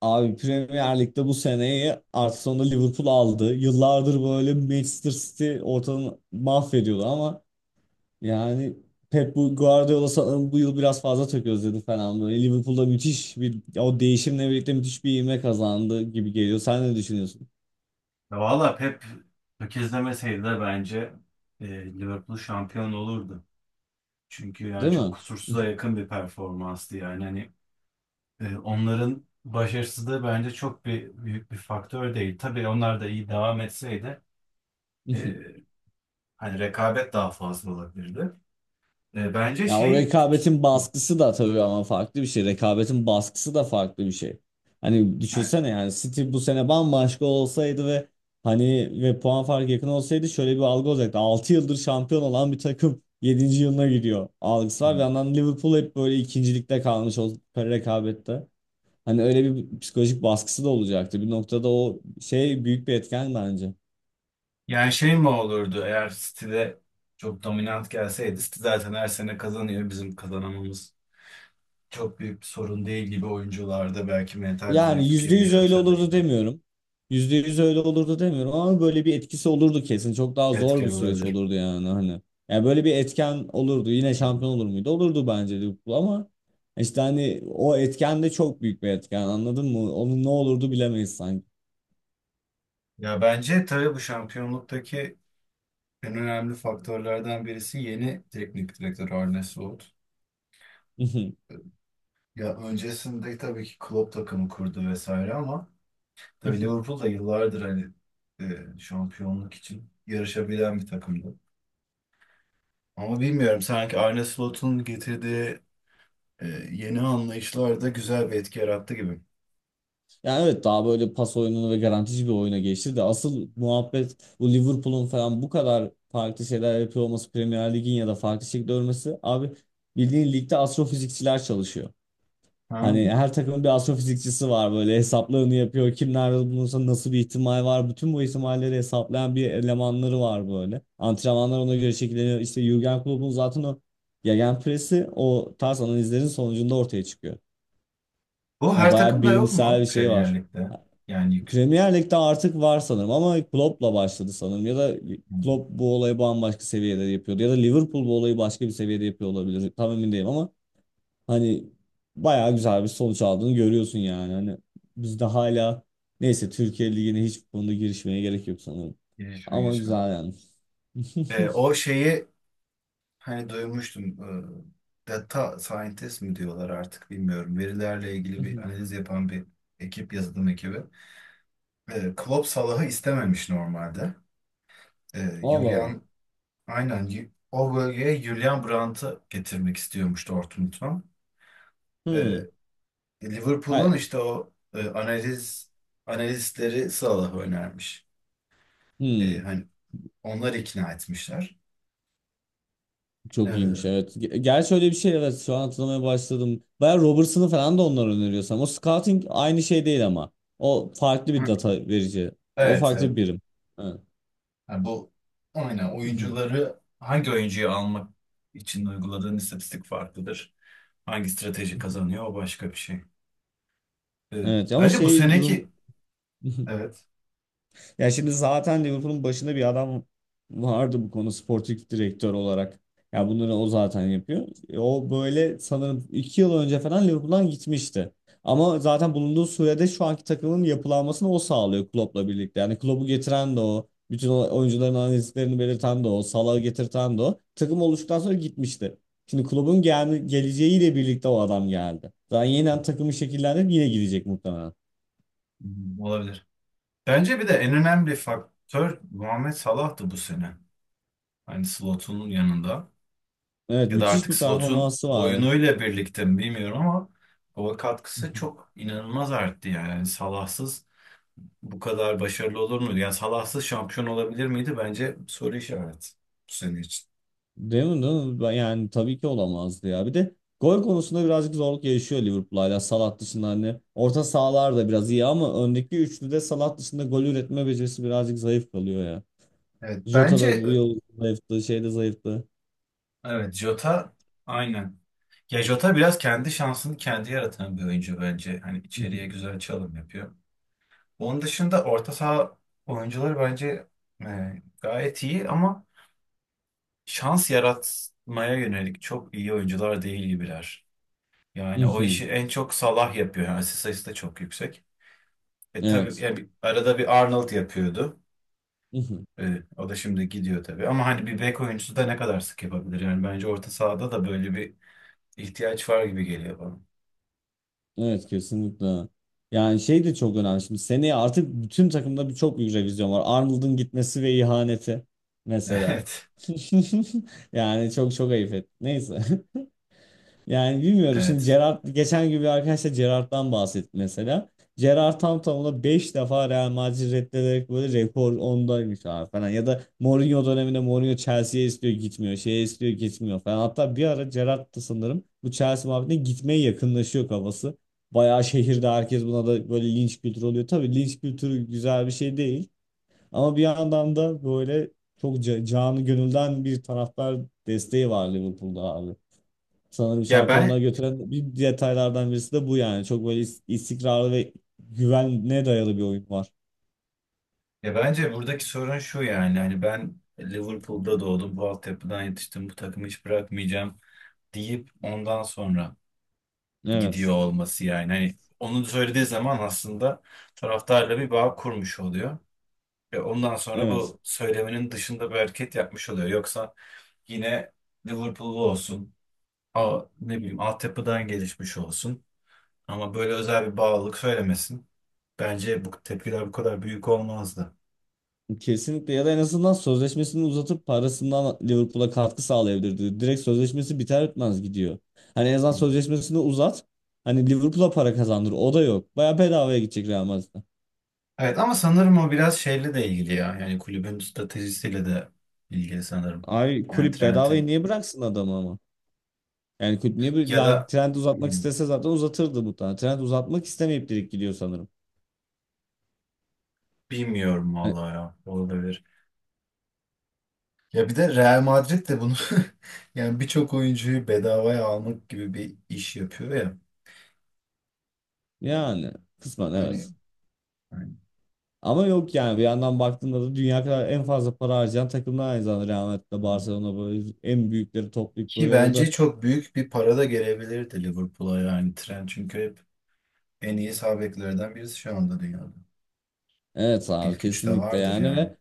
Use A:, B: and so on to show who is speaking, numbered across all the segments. A: Abi Premier Lig'de bu seneyi artık sonunda Liverpool aldı. Yıllardır böyle Manchester City ortalığı mahvediyordu ama yani Pep Guardiola sanırım bu yıl biraz fazla tök özledi falan böyle. Liverpool'da müthiş bir o değişimle birlikte müthiş bir ivme kazandı gibi geliyor. Sen ne düşünüyorsun?
B: Ya valla Pep tökezlemeseydi de bence Liverpool şampiyon olurdu. Çünkü yani
A: Değil
B: çok
A: mi?
B: kusursuza yakın bir performanstı yani. Hani onların başarısızlığı bence çok bir büyük bir faktör değil. Tabii onlar da iyi devam etseydi e, hani rekabet daha fazla olabilirdi. E, bence
A: Ya o
B: şey
A: rekabetin baskısı da tabii ama farklı bir şey. Rekabetin baskısı da farklı bir şey. Hani
B: yani
A: düşünsene yani City bu sene bambaşka olsaydı ve hani ve puan farkı yakın olsaydı şöyle bir algı olacaktı. 6 yıldır şampiyon olan bir takım yedinci yılına gidiyor algısı var. Bir yandan Liverpool hep böyle ikincilikte kalmış o rekabette. Hani öyle bir psikolojik baskısı da olacaktı. Bir noktada o şey büyük bir etken bence.
B: şey mi olurdu eğer City'de çok dominant gelseydi? City zaten her sene kazanıyor, bizim kazanamamız çok büyük bir sorun değil gibi, oyuncularda belki mental bir
A: Yani
B: zayıflık
A: yüzde
B: gibi
A: yüz öyle
B: yaratırdı
A: olurdu
B: gibi.
A: demiyorum. Yüzde yüz öyle olurdu demiyorum ama böyle bir etkisi olurdu kesin. Çok daha zor
B: Etken
A: bir süreç
B: olabilir.
A: olurdu yani hani. Yani böyle bir etken olurdu. Yine
B: Hı hı.
A: şampiyon olur muydu? Olurdu bence Liverpool ama işte hani o etken de çok büyük bir etken, anladın mı? Onun ne olurdu bilemeyiz sanki.
B: Ya bence tabii bu şampiyonluktaki en önemli faktörlerden birisi yeni teknik direktör Arne Slot. Ya öncesinde tabii ki Klopp takımı kurdu vesaire ama tabii Liverpool da yıllardır hani şampiyonluk için yarışabilen bir takımdı. Ama bilmiyorum, sanki Arne Slot'un getirdiği e, yeni anlayışlar da güzel bir etki yarattı gibi.
A: Yani evet, daha böyle pas oyununu ve garantici bir oyuna geçti de asıl muhabbet bu Liverpool'un falan bu kadar farklı şeyler yapıyor olması Premier Lig'in ya da farklı şekilde ölmesi abi. Bildiğin ligde astrofizikçiler çalışıyor.
B: Ha.
A: Hani her takımın bir astrofizikçisi var, böyle hesaplarını yapıyor. Kim nerede bulunursa nasıl bir ihtimal var. Bütün bu ihtimalleri hesaplayan bir elemanları var böyle. Antrenmanlar ona göre şekilleniyor. İşte Jürgen Klopp'un zaten o gegenpressi o tarz analizlerin sonucunda ortaya çıkıyor.
B: Bu
A: Yani
B: her
A: bayağı
B: takımda yok
A: bilimsel
B: mu
A: bir şey
B: Premier
A: var.
B: Lig'de? Yani yük,
A: Premier Lig'de artık var sanırım ama Klopp'la başladı sanırım. Ya da
B: Hmm.
A: Klopp bu olayı bambaşka seviyede yapıyordu. Ya da Liverpool bu olayı başka bir seviyede yapıyor olabilir. Tam emin değilim ama hani bayağı güzel bir sonuç aldığını görüyorsun yani. Hani biz de hala, neyse, Türkiye Ligi'ne hiç bu konuda girişmeye gerek yok sanırım.
B: gelişme
A: Ama
B: geçme.
A: güzel yani.
B: O şeyi hani duymuştum. Data scientist mi diyorlar artık bilmiyorum. Verilerle ilgili bir analiz yapan bir ekip, yazılım ekibi. Klopp Salah'ı istememiş normalde. Ee,
A: Allah Allah.
B: Julian O bölgeye Julian Brandt'ı getirmek istiyormuş Dortmund'dan. Ee,
A: Hmm.
B: Liverpool'un
A: Hayır.
B: işte o e, analiz analistleri Salah'ı önermiş.
A: Hmm.
B: Hani onlar ikna etmişler.
A: Çok iyiymiş,
B: Ee,
A: evet. Gerçi öyle bir şey, evet, şu an hatırlamaya başladım. Bayağı Robertson'ı falan da onlar öneriyor sanırım. O scouting aynı şey değil ama. O farklı bir
B: Hı.
A: data verici. O
B: Evet,
A: farklı
B: evet.
A: bir birim. Evet.
B: Yani bu aynen, hangi oyuncuyu almak için uyguladığın istatistik farklıdır. Hangi strateji kazanıyor, o başka bir şey. Ee,
A: Evet ama
B: bence bu
A: şey durum
B: seneki evet
A: ya şimdi zaten Liverpool'un başında bir adam vardı bu konu sportif direktör olarak. Ya bunları o zaten yapıyor. O böyle sanırım 2 yıl önce falan Liverpool'dan gitmişti. Ama zaten bulunduğu sürede şu anki takımın yapılanmasını o sağlıyor Klopp'la birlikte. Yani Klopp'u getiren de o. Bütün o oyuncuların analizlerini belirten de o. Salah'ı getirten de o. Takım oluştuktan sonra gitmişti. Şimdi Klopp'un geleceğiyle birlikte o adam geldi. Daha yeniden takımı şekillendirip yine gidecek muhtemelen.
B: Hmm, olabilir. Bence bir de en önemli faktör Muhammed Salah'tı bu sene. Hani Slot'un yanında
A: Evet,
B: ya da
A: müthiş
B: artık
A: bir
B: Slot'un
A: performansı var.
B: oyunuyla birlikte mi bilmiyorum ama o katkısı çok inanılmaz arttı yani. Yani Salah'sız bu kadar başarılı olur muydu? Yani Salahsız şampiyon olabilir miydi? Bence soru işareti bu sene için.
A: Değil mi, değil mi? Yani tabii ki olamazdı ya. Bir de gol konusunda birazcık zorluk yaşıyor Liverpool, hala Salah dışında hani. Orta sahalar da biraz iyi ama öndeki üçlüde Salah dışında gol üretme becerisi birazcık zayıf kalıyor ya.
B: Evet,
A: Jota da
B: bence
A: bu yıl zayıftı, şey de zayıftı.
B: evet, Jota aynen. Ya Jota biraz kendi şansını kendi yaratan bir oyuncu bence. Hani içeriye
A: Mhm,
B: güzel çalım yapıyor. Onun dışında orta saha oyuncuları bence e, gayet iyi ama şans yaratmaya yönelik çok iyi oyuncular değil gibiler. Yani o
A: mhm.
B: işi en çok Salah yapıyor. Yani asist sayısı da çok yüksek. E tabii
A: Evet.
B: yani arada bir Arnold yapıyordu.
A: Mhm.
B: Evet, o da şimdi gidiyor tabii. Ama hani bir bek oyuncusu da ne kadar sık yapabilir? Yani bence orta sahada da böyle bir ihtiyaç var gibi geliyor bana.
A: Evet, kesinlikle. Yani şey de çok önemli şimdi. Seneye artık bütün takımda bir çok büyük revizyon var. Arnold'un gitmesi ve ihaneti mesela.
B: Evet.
A: Yani çok çok ayıp et. Neyse. Yani bilmiyorum. Şimdi
B: Evet.
A: Gerrard, geçen gün bir arkadaşla Gerrard'dan bahsetti mesela. Gerrard tam tamına 5 defa Real Madrid reddederek böyle rekor ondaymış abi falan. Ya da Mourinho döneminde Mourinho Chelsea'ye istiyor gitmiyor. Şeye istiyor gitmiyor falan. Hatta bir ara Gerrard da sanırım bu Chelsea muhabbetine gitmeye yakınlaşıyor kafası. Bayağı şehirde herkes buna da böyle linç kültürü oluyor. Tabii linç kültürü güzel bir şey değil. Ama bir yandan da böyle çok canı gönülden bir taraftar desteği var Liverpool'da abi. Sanırım
B: Ya
A: şampiyonluğa
B: ben
A: götüren bir detaylardan birisi de bu yani. Çok böyle istikrarlı ve güvene dayalı bir oyun var.
B: Ya bence buradaki sorun şu, yani hani ben Liverpool'da doğdum, bu altyapıdan yetiştim, bu takımı hiç bırakmayacağım deyip ondan sonra
A: Evet.
B: gidiyor olması yani. Hani onu söylediği zaman aslında taraftarla bir bağ kurmuş oluyor. Ve ondan sonra
A: Evet.
B: bu söylemenin dışında bir hareket yapmış oluyor. Yoksa yine Liverpool'lu olsun, ne bileyim altyapıdan gelişmiş olsun. Ama böyle özel bir bağlılık söylemesin. Bence bu tepkiler bu kadar büyük olmazdı.
A: Kesinlikle, ya da en azından sözleşmesini uzatıp parasından Liverpool'a katkı sağlayabilirdi. Direkt sözleşmesi biter bitmez gidiyor. Hani en azından
B: Hmm.
A: sözleşmesini uzat. Hani Liverpool'a para kazandır. O da yok. Baya bedavaya gidecek Real Madrid'e.
B: Evet, ama sanırım o biraz şeyle de ilgili ya. Yani kulübün stratejisiyle de ilgili sanırım.
A: Ay
B: Yani
A: kulüp bedavaya
B: Trent'in
A: niye bıraksın adamı ama? Yani kulüp niye bir,
B: ya
A: yani
B: da
A: Trent uzatmak
B: Hmm,
A: istese zaten uzatırdı muhtemelen. Trent uzatmak istemeyip direkt gidiyor sanırım.
B: bilmiyorum vallahi ya, olabilir. Ya bir de Real Madrid de bunu yani birçok oyuncuyu bedavaya almak gibi bir iş yapıyor ya.
A: Yani kısmen
B: Hani
A: evet.
B: Yani
A: Ama yok yani bir yandan baktığında da dünya kadar en fazla para harcayan takımlar aynı zamanda Real Madrid'de Barcelona, böyle en büyükleri toplayıp
B: Ki
A: böyle
B: bence
A: orada.
B: çok büyük bir para da gelebilirdi Liverpool'a, yani Trent çünkü hep en iyi sağ beklerden birisi şu anda dünyada.
A: Evet abi,
B: İlk üçte
A: kesinlikle
B: vardır
A: yani.
B: yani.
A: Ve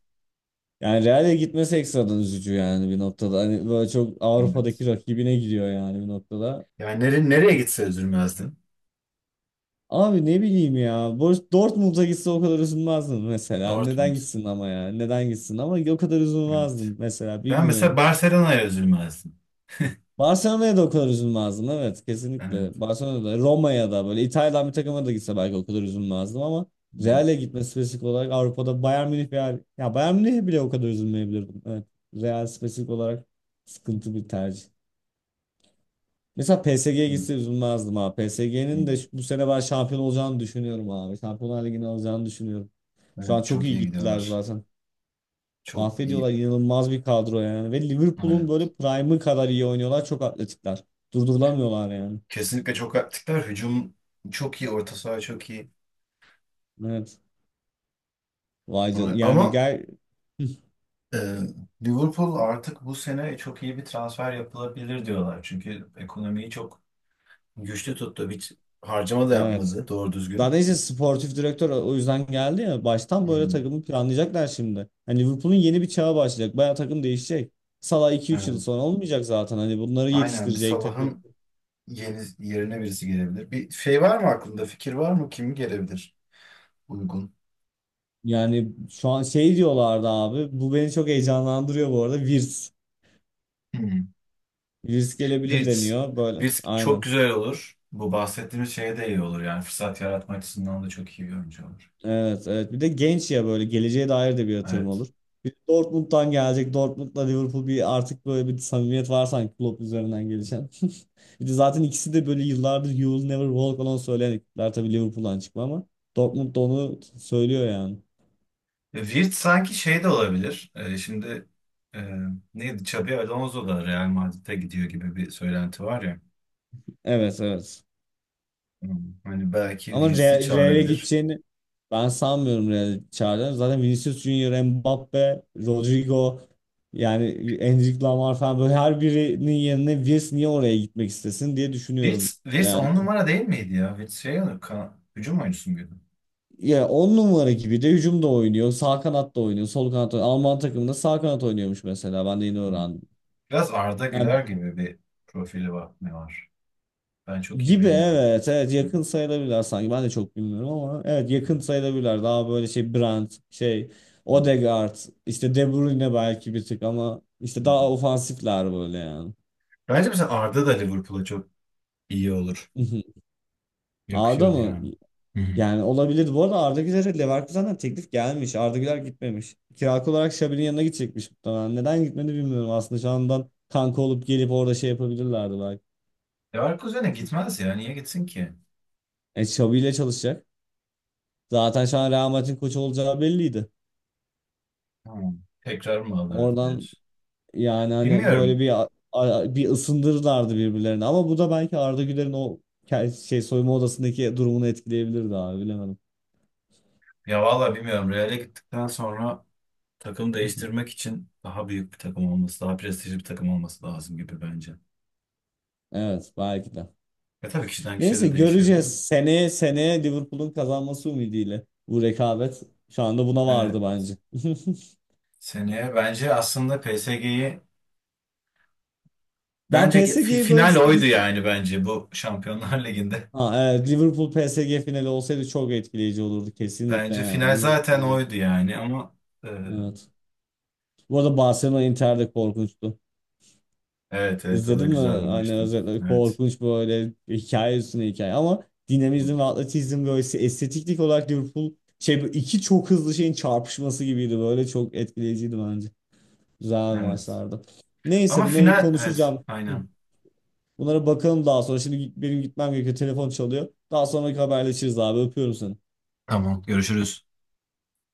A: yani Real'e gitmesi ekstradan üzücü yani bir noktada. Hani böyle çok Avrupa'daki
B: Evet.
A: rakibine gidiyor yani bir noktada.
B: Yani nereye gitse üzülmezdim.
A: Abi ne bileyim ya, Dortmund'a gitse o kadar üzülmezdim mesela. Neden
B: Dortmund.
A: gitsin ama ya? Neden gitsin ama o kadar
B: Evet.
A: üzülmezdim mesela,
B: Ben mesela
A: bilmiyorum.
B: Barcelona'ya üzülmezdim.
A: Barcelona'ya da o kadar üzülmezdim evet, kesinlikle.
B: Evet.
A: Barcelona'da Roma'ya da böyle İtalya'dan bir takıma da gitse belki o kadar üzülmezdim ama
B: Hı,
A: Real'e gitmesi spesifik olarak, Avrupa'da Bayern Münih veya ya Bayern Münih'e bile o kadar üzülmeyebilirdim. Evet. Real spesifik olarak sıkıntı bir tercih. Mesela PSG'ye
B: hı,
A: gitse üzülmezdim ha.
B: hı.
A: PSG'nin de bu sene ben şampiyon olacağını düşünüyorum abi. Şampiyonlar Ligi'ni alacağını düşünüyorum. Şu an
B: Evet,
A: çok
B: çok
A: iyi
B: iyi
A: gittiler
B: gidiyorlar.
A: zaten.
B: Çok iyi.
A: Mahvediyorlar, inanılmaz bir kadro yani. Ve Liverpool'un
B: Evet.
A: böyle prime'ı kadar iyi oynuyorlar. Çok atletikler. Durdurulamıyorlar yani.
B: Kesinlikle çok aktifler. Hücum çok iyi. Orta saha çok iyi.
A: Evet. Vay
B: Evet.
A: yani
B: Ama
A: gel
B: Ee, Liverpool artık bu sene çok iyi bir transfer yapılabilir diyorlar. Çünkü ekonomiyi çok güçlü tuttu. Hiç harcama da
A: evet.
B: yapmadı doğru düzgün.
A: Zaten işte sportif direktör o yüzden geldi ya. Baştan böyle
B: Hmm.
A: takımı planlayacaklar şimdi. Hani Liverpool'un yeni bir çağı başlayacak. Bayağı takım değişecek. Salah iki üç yıl
B: Evet.
A: sonra olmayacak zaten. Hani bunları
B: Aynen,
A: yetiştirecek takım.
B: Salah'ın yerine birisi gelebilir. Bir şey var mı aklında? Fikir var mı? Kim gelebilir uygun?
A: Yani şu an şey diyorlardı abi. Bu beni çok heyecanlandırıyor bu arada. Virs.
B: Hmm.
A: Virs gelebilir
B: Wirtz.
A: deniyor böyle.
B: Wirtz çok
A: Aynen.
B: güzel olur. Bu bahsettiğimiz şeye de iyi olur. Yani fırsat yaratma açısından da çok iyi bir oyuncu olur.
A: Evet, evet. Bir de genç ya, böyle geleceğe dair de bir yatırım
B: Evet.
A: olur. Bir de Dortmund'dan gelecek. Dortmund'la Liverpool bir artık böyle bir samimiyet var sanki, Klopp üzerinden gelişen. Bir de zaten ikisi de böyle yıllardır You Will Never Walk Alone söyleyen ekipler, tabii Liverpool'dan çıkma ama Dortmund da onu söylüyor yani.
B: Virt sanki şey de olabilir. E, neydi? Xabi Alonso da Real Madrid'e gidiyor gibi bir söylenti var ya.
A: Evet, evet.
B: Hmm, hani belki
A: Ama
B: Virts'i
A: Real'e
B: çağırabilir.
A: gideceğini ben sanmıyorum, Real'e çağıracağını. Zaten Vinicius Junior, Mbappe, Rodrigo yani Endrick Lamar falan, böyle her birinin yerine Vinicius niye oraya gitmek istesin diye düşünüyorum.
B: Virts
A: Yani
B: on numara değil miydi ya? Virts hücum oyuncusu muydu?
A: ya on numara gibi de hücumda oynuyor. Sağ kanatta oynuyor. Sol kanatta oynuyor. Alman takımında sağ kanat oynuyormuş mesela. Ben de yeni
B: Hmm.
A: öğrendim.
B: Biraz Arda
A: Yani
B: Güler gibi bir profili var, ne var? Ben çok iyi
A: gibi,
B: bilmiyorum.
A: evet evet,
B: Hmm,
A: yakın sayılabilirler sanki, ben de çok bilmiyorum ama evet
B: hmm,
A: yakın sayılabilirler, daha böyle şey Brandt, şey
B: hmm,
A: Odegaard, işte De Bruyne belki bir tık, ama işte
B: hmm. hmm.
A: daha ofansifler böyle yani.
B: Bence mesela Arda da Liverpool'a çok iyi olur.
A: Mhm. Arda
B: Yakışırdı
A: mı?
B: yani. Hı hı.
A: Yani olabilir. Bu arada Arda Güler'e Leverkusen'den teklif gelmiş. Arda Güler gitmemiş. Kiralık olarak Xabi'nin yanına gidecekmiş muhtemelen. Neden gitmedi bilmiyorum aslında. Şu andan kanka olup gelip orada şey yapabilirlerdi belki.
B: Leverkusen'e gitmez ya. Niye gitsin ki?
A: Xabi ile çalışacak. Zaten şu an Real Madrid'in koçu olacağı belliydi.
B: Hmm. Tekrar mı alırız
A: Oradan,
B: diyorsun?
A: yani hani böyle
B: Bilmiyorum.
A: bir bir ısındırırlardı birbirlerini. Ama bu da belki Arda Güler'in o şey soyunma odasındaki durumunu etkileyebilirdi abi, bilemedim.
B: Ya valla bilmiyorum. Real'e gittikten sonra takım değiştirmek için daha büyük bir takım olması, daha prestijli bir takım olması lazım gibi bence.
A: Evet, belki de.
B: Ve tabii kişiden kişiye
A: Neyse
B: de değişebilir mi?
A: göreceğiz. Seneye Liverpool'un kazanması ümidiyle. Bu rekabet şu anda buna
B: Evet.
A: vardı bence.
B: Seneye bence aslında PSG'yi
A: Ben
B: bence ki- fi-
A: PSG'yi böyle
B: final oydu yani bence, bu Şampiyonlar Ligi'nde.
A: ha, evet, Liverpool PSG finali olsaydı çok etkileyici olurdu kesinlikle
B: Bence
A: yani.
B: final zaten
A: İnanılmaz.
B: oydu yani ama e,
A: Evet. Bu arada Barcelona Inter de korkunçtu.
B: evet, evet, o da
A: İzledin mi?
B: güzel bir
A: Hani
B: maçtı.
A: özellikle
B: Evet.
A: korkunç, böyle hikaye üstüne hikaye, ama dinamizm ve atletizm, böyle estetiklik olarak Liverpool şey, bu iki çok hızlı şeyin çarpışması gibiydi böyle, çok etkileyiciydi bence. Güzel
B: Evet.
A: maçlardı. Neyse
B: Ama
A: bunları
B: final, evet,
A: konuşacağım. Hı.
B: aynen.
A: Bunlara bakalım daha sonra. Şimdi benim gitmem gerekiyor. Telefon çalıyor. Daha sonraki haberleşiriz abi. Öpüyorum seni.
B: Tamam, görüşürüz.